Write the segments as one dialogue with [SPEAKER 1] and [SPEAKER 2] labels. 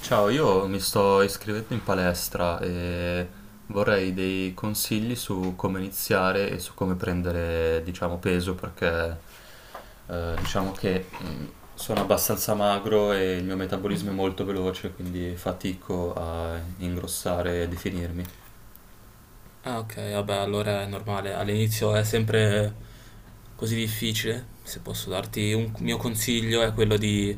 [SPEAKER 1] Ciao, io mi sto iscrivendo in palestra e vorrei dei consigli su come iniziare e su come prendere, diciamo, peso perché diciamo che sono abbastanza magro e il mio metabolismo è molto veloce, quindi fatico a ingrossare e definirmi.
[SPEAKER 2] Ah, ok, vabbè, allora è normale. All'inizio è sempre così difficile. Se posso darti un mio consiglio è quello di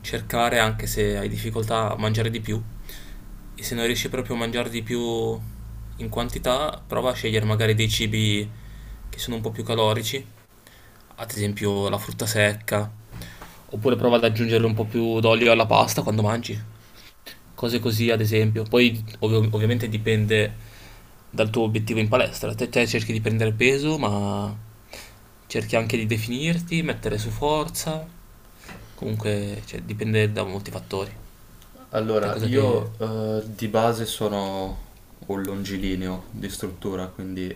[SPEAKER 2] cercare, anche se hai difficoltà, a mangiare di più. E se non riesci proprio a mangiare di più in quantità, prova a scegliere magari dei cibi che sono un po' più calorici, ad esempio la frutta secca, oppure prova ad aggiungere un po' più d'olio alla pasta quando mangi cose così ad esempio. Poi ovviamente dipende dal tuo obiettivo in palestra. Te cerchi di prendere peso, ma cerchi anche di definirti, mettere su forza. Comunque, cioè, dipende da molti fattori. Te
[SPEAKER 1] Allora,
[SPEAKER 2] cosa che...
[SPEAKER 1] io di base sono un longilineo di struttura, quindi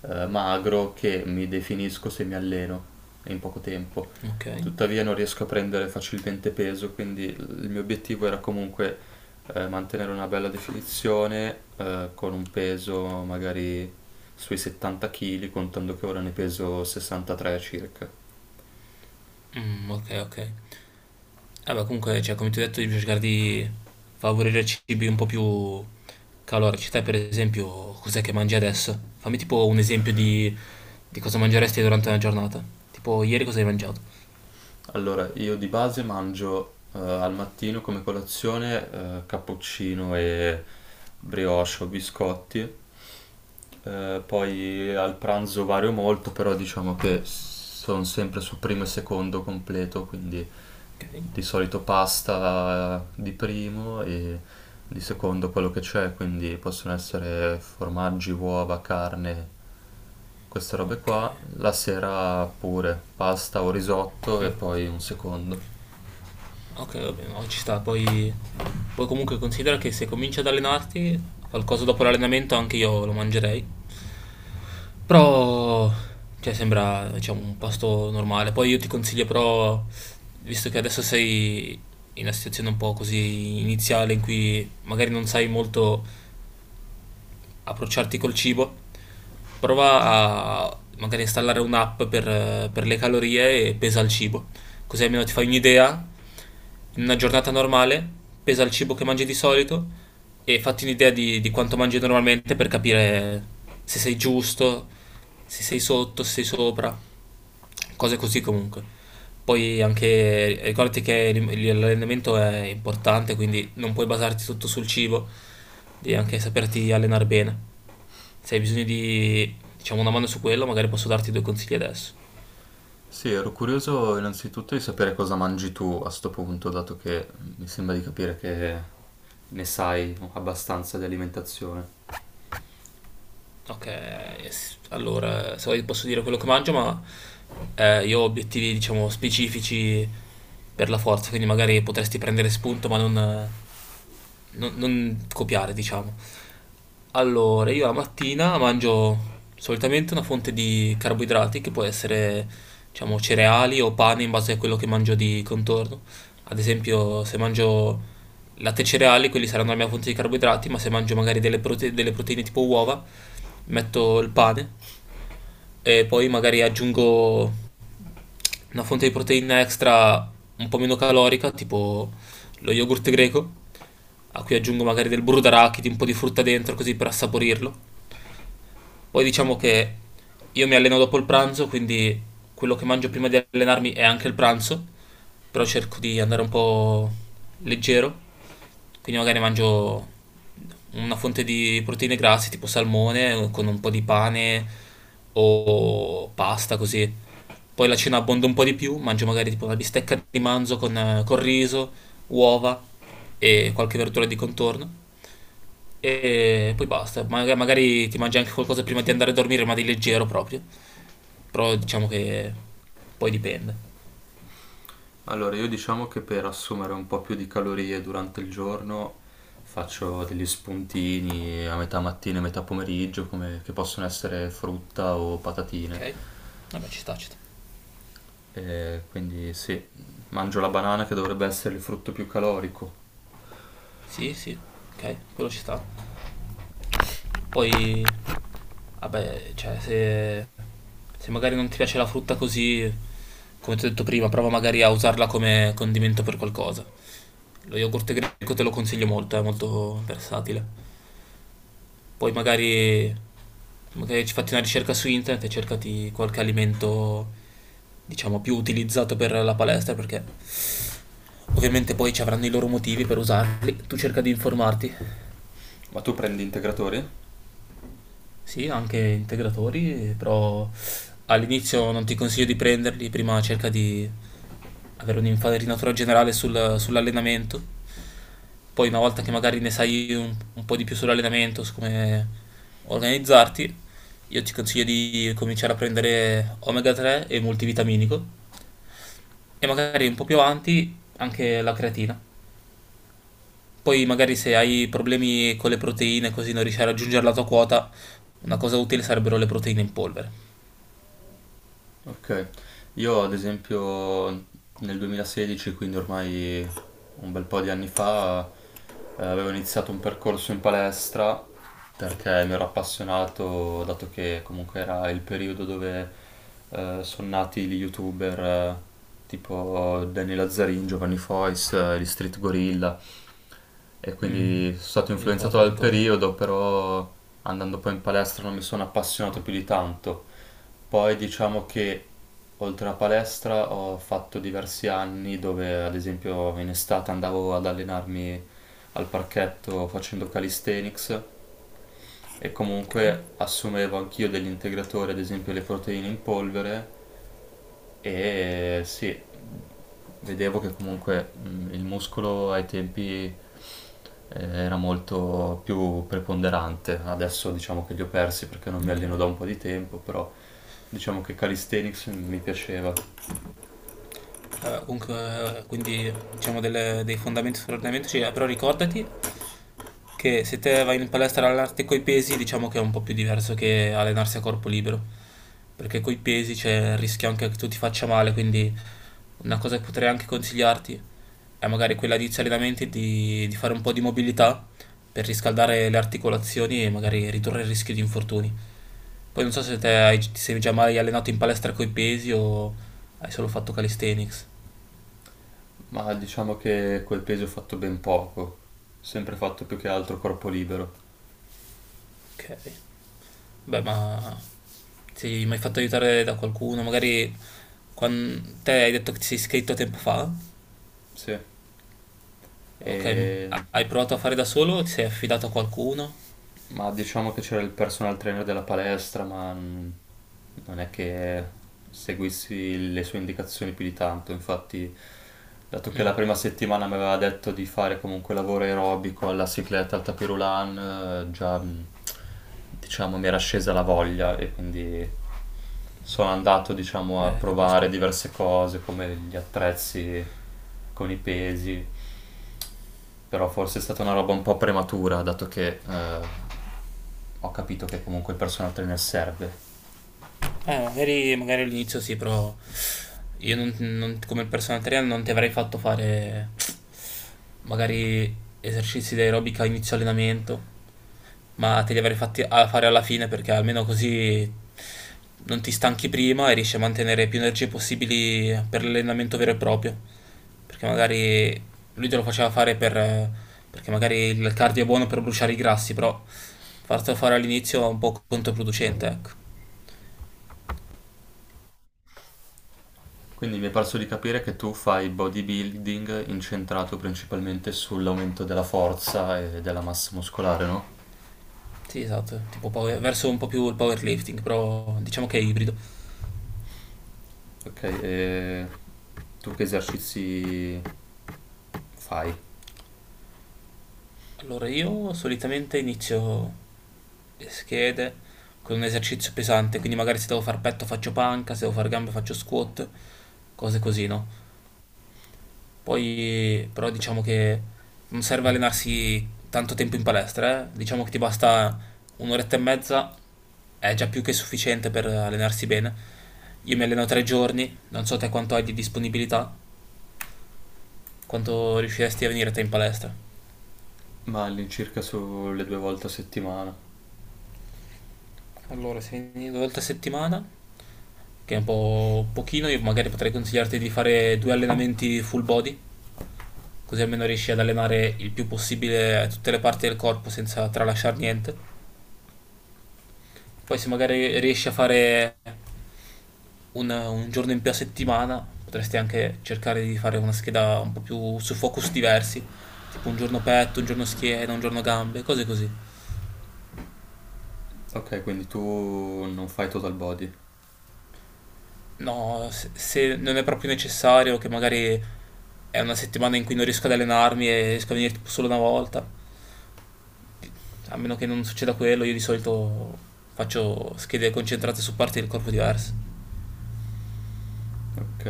[SPEAKER 1] magro che mi definisco se mi alleno in poco tempo.
[SPEAKER 2] Ok.
[SPEAKER 1] Tuttavia non riesco a prendere facilmente peso, quindi il mio obiettivo era comunque mantenere una bella definizione con un peso magari sui 70 kg, contando che ora ne peso 63 circa.
[SPEAKER 2] Mm, ok, ok. Vabbè, comunque, cioè, come ti ho detto, devi cercare di favorire cibi un po' più calorici. Te, per esempio, cos'è che mangi adesso? Fammi tipo un esempio di cosa mangeresti durante una giornata. Tipo, ieri cosa hai mangiato?
[SPEAKER 1] Allora, io di base mangio al mattino come colazione cappuccino e brioche o biscotti poi al pranzo vario molto, però diciamo che sono sempre su primo e secondo completo, quindi
[SPEAKER 2] Ok.
[SPEAKER 1] di solito pasta di primo e di secondo quello che c'è, quindi possono essere formaggi, uova, carne, queste robe
[SPEAKER 2] Ok,
[SPEAKER 1] qua. La sera pure pasta o risotto e poi un secondo.
[SPEAKER 2] ok, va bene, no, ci sta. Poi comunque considera che se cominci ad allenarti, qualcosa dopo l'allenamento anche io lo mangerei. Però, cioè, sembra, diciamo, un pasto normale. Poi io ti consiglio però, visto che adesso sei in una situazione un po' così iniziale in cui magari non sai molto approcciarti col cibo, prova a magari installare un'app per le calorie e pesa il cibo. Così almeno ti fai un'idea. In una giornata normale, pesa il cibo che mangi di solito e fatti un'idea di quanto mangi normalmente per capire se sei giusto, se sei sotto, se sei sopra, cose così comunque. Poi anche ricordati che l'allenamento è importante, quindi non puoi basarti tutto sul cibo, devi anche saperti allenare bene. Se hai bisogno di, diciamo, una mano su quello, magari posso darti due consigli adesso.
[SPEAKER 1] Sì, ero curioso innanzitutto di sapere cosa mangi tu a sto punto, dato che mi sembra di capire che ne sai abbastanza di alimentazione.
[SPEAKER 2] Ok, allora, se vuoi posso dire quello che mangio, ma io ho obiettivi, diciamo, specifici per la forza, quindi magari potresti prendere spunto, ma non copiare, diciamo. Allora, io la mattina mangio solitamente una fonte di carboidrati che può essere, diciamo, cereali o pane in base a quello che mangio di contorno. Ad esempio, se mangio latte e cereali, quelli saranno la mia fonte di carboidrati, ma se mangio magari delle proteine tipo uova, metto il pane e poi magari aggiungo una fonte di proteina extra un po' meno calorica, tipo lo yogurt greco a cui aggiungo magari del burro d'arachidi, un po' di frutta dentro così per assaporirlo. Poi diciamo che io mi alleno dopo il pranzo, quindi quello che mangio prima di allenarmi è anche il pranzo, però cerco di andare un po' leggero, quindi magari mangio una fonte di proteine grasse, tipo salmone, con un po' di pane o pasta così. Poi la cena abbonda un po' di più, mangio magari tipo una bistecca di manzo con riso, uova e qualche verdura di contorno. E poi basta. Magari ti mangi anche qualcosa prima di andare a dormire, ma di leggero proprio. Però diciamo che poi dipende.
[SPEAKER 1] Allora, io diciamo che per assumere un po' più di calorie durante il giorno faccio degli spuntini a metà mattina e metà pomeriggio, che possono essere frutta o patatine.
[SPEAKER 2] Ok. Vabbè, ci sta, ci sta.
[SPEAKER 1] E quindi sì, mangio la banana che dovrebbe essere il frutto più calorico.
[SPEAKER 2] Sì, sì, ok, quello ci sta. Poi, vabbè, cioè, se magari non ti piace la frutta così, come ti ho detto prima, prova magari a usarla come condimento per qualcosa. Lo yogurt greco te lo consiglio molto, è molto versatile. Poi magari ci fatti una ricerca su internet e cercati qualche alimento, diciamo, più utilizzato per la palestra, perché ovviamente poi ci avranno i loro motivi per usarli. Tu cerca di informarti.
[SPEAKER 1] Ma tu prendi integratori?
[SPEAKER 2] Sì, anche integratori, però all'inizio non ti consiglio di prenderli, prima cerca di avere un'infarinatura generale sull'allenamento, poi una volta che magari ne sai un po' di più sull'allenamento, su come organizzarti, io ti consiglio di cominciare a prendere omega 3 e multivitaminico e magari un po' più avanti anche la creatina. Poi magari se hai problemi con le proteine, così non riesci a raggiungere la tua quota, una cosa utile sarebbero le proteine in polvere.
[SPEAKER 1] Ok, io ad esempio nel 2016, quindi ormai un bel po' di anni fa, avevo iniziato un percorso in palestra perché mi ero appassionato, dato che comunque era il periodo dove sono nati gli youtuber tipo Danny Lazzarin, Giovanni Fois, gli Street Gorilla e
[SPEAKER 2] Mm.
[SPEAKER 1] quindi sono stato influenzato
[SPEAKER 2] Ricordo,
[SPEAKER 1] dal
[SPEAKER 2] ricordo.
[SPEAKER 1] periodo, però andando poi in palestra non mi sono appassionato più di tanto. Poi diciamo che oltre alla palestra ho fatto diversi anni dove ad esempio in estate andavo ad allenarmi al parchetto facendo calisthenics e
[SPEAKER 2] Ok,
[SPEAKER 1] comunque assumevo anch'io degli integratori, ad esempio le proteine in polvere e sì, vedevo che comunque il muscolo ai tempi era molto più preponderante. Adesso diciamo che li ho persi perché non mi
[SPEAKER 2] ok.
[SPEAKER 1] alleno da un po' di tempo, però diciamo che calisthenics mi piaceva,
[SPEAKER 2] Comunque, quindi diciamo dei fondamenti sull'allenamento, però ricordati che se te vai in palestra ad allenarti coi pesi, diciamo che è un po' più diverso che allenarsi a corpo libero, perché coi pesi c'è il rischio anche che tu ti faccia male, quindi una cosa che potrei anche consigliarti è magari quella di inizio allenamenti di fare un po' di mobilità per riscaldare le articolazioni e magari ridurre il rischio di infortuni. Poi non so se te hai, ti sei già mai allenato in palestra coi pesi o hai solo fatto calisthenics.
[SPEAKER 1] ma diciamo che quel peso ho fatto ben poco, sempre fatto più che altro corpo libero.
[SPEAKER 2] Ok. Beh, ma ti sei mai fatto aiutare da qualcuno? Magari quando te hai detto che ti sei iscritto tempo fa.
[SPEAKER 1] Sì. E
[SPEAKER 2] Ok, hai provato a fare da solo o ti sei affidato a qualcuno?
[SPEAKER 1] Ma diciamo che c'era il personal trainer della palestra, ma non è che seguissi le sue indicazioni più di tanto. Infatti, dato che la prima settimana mi aveva detto di fare comunque lavoro aerobico alla cicletta, al tapis roulant, già diciamo mi era scesa la voglia e quindi sono andato diciamo a
[SPEAKER 2] Capisco.
[SPEAKER 1] provare diverse cose come gli attrezzi con i pesi, però forse è stata una roba un po' prematura, dato che ho capito che comunque il personal trainer serve.
[SPEAKER 2] Magari all'inizio sì, però io come personal trainer non ti avrei fatto fare magari esercizi di aerobica a inizio allenamento, ma te li avrei fatti a fare alla fine perché almeno così non ti stanchi prima e riesci a mantenere più energie possibili per l'allenamento vero e proprio. Perché magari lui te lo faceva fare perché magari il cardio è buono per bruciare i grassi, però fartelo fare all'inizio è un po' controproducente, ecco.
[SPEAKER 1] Quindi mi è parso di capire che tu fai bodybuilding incentrato principalmente sull'aumento della forza e della massa muscolare, no?
[SPEAKER 2] Sì, esatto, tipo verso un po' più il powerlifting, però diciamo che è ibrido.
[SPEAKER 1] Ok, e tu che esercizi fai?
[SPEAKER 2] Allora io solitamente inizio le schede con un esercizio pesante, quindi magari se devo far petto faccio panca, se devo far gambe faccio squat, cose così, no? Poi però diciamo che non serve allenarsi tanto tempo in palestra, eh? Diciamo che ti basta un'oretta e mezza, è già più che sufficiente per allenarsi bene. Io mi alleno 3 giorni, non so te quanto hai di disponibilità, quanto riusciresti a venire te in palestra.
[SPEAKER 1] Ma all'incirca sulle due volte a settimana.
[SPEAKER 2] Allora, se vieni due volte a settimana, che è un po' pochino, io magari potrei consigliarti di fare due allenamenti full body, così almeno riesci ad allenare il più possibile tutte le parti del corpo senza tralasciare niente. Poi se magari riesci a fare un giorno in più a settimana, potresti anche cercare di fare una scheda un po' più su focus diversi, tipo un giorno petto, un giorno schiena, un giorno gambe, cose così.
[SPEAKER 1] Ok, quindi tu non fai total body.
[SPEAKER 2] No, se non è proprio necessario, che magari è una settimana in cui non riesco ad allenarmi e riesco a venire tipo solo una volta, a meno che non succeda quello, io di solito faccio schede concentrate su parti del corpo diverse.
[SPEAKER 1] Ok.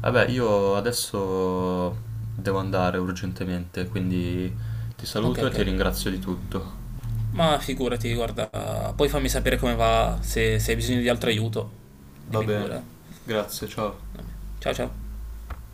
[SPEAKER 1] Vabbè, io adesso devo andare urgentemente, quindi ti
[SPEAKER 2] Ok,
[SPEAKER 1] saluto e
[SPEAKER 2] ok.
[SPEAKER 1] ti ringrazio di tutto.
[SPEAKER 2] Ma figurati, guarda, poi fammi sapere come va, se hai bisogno di altro aiuto,
[SPEAKER 1] Va
[SPEAKER 2] dimmi
[SPEAKER 1] bene,
[SPEAKER 2] pure.
[SPEAKER 1] grazie, ciao.
[SPEAKER 2] Ciao ciao.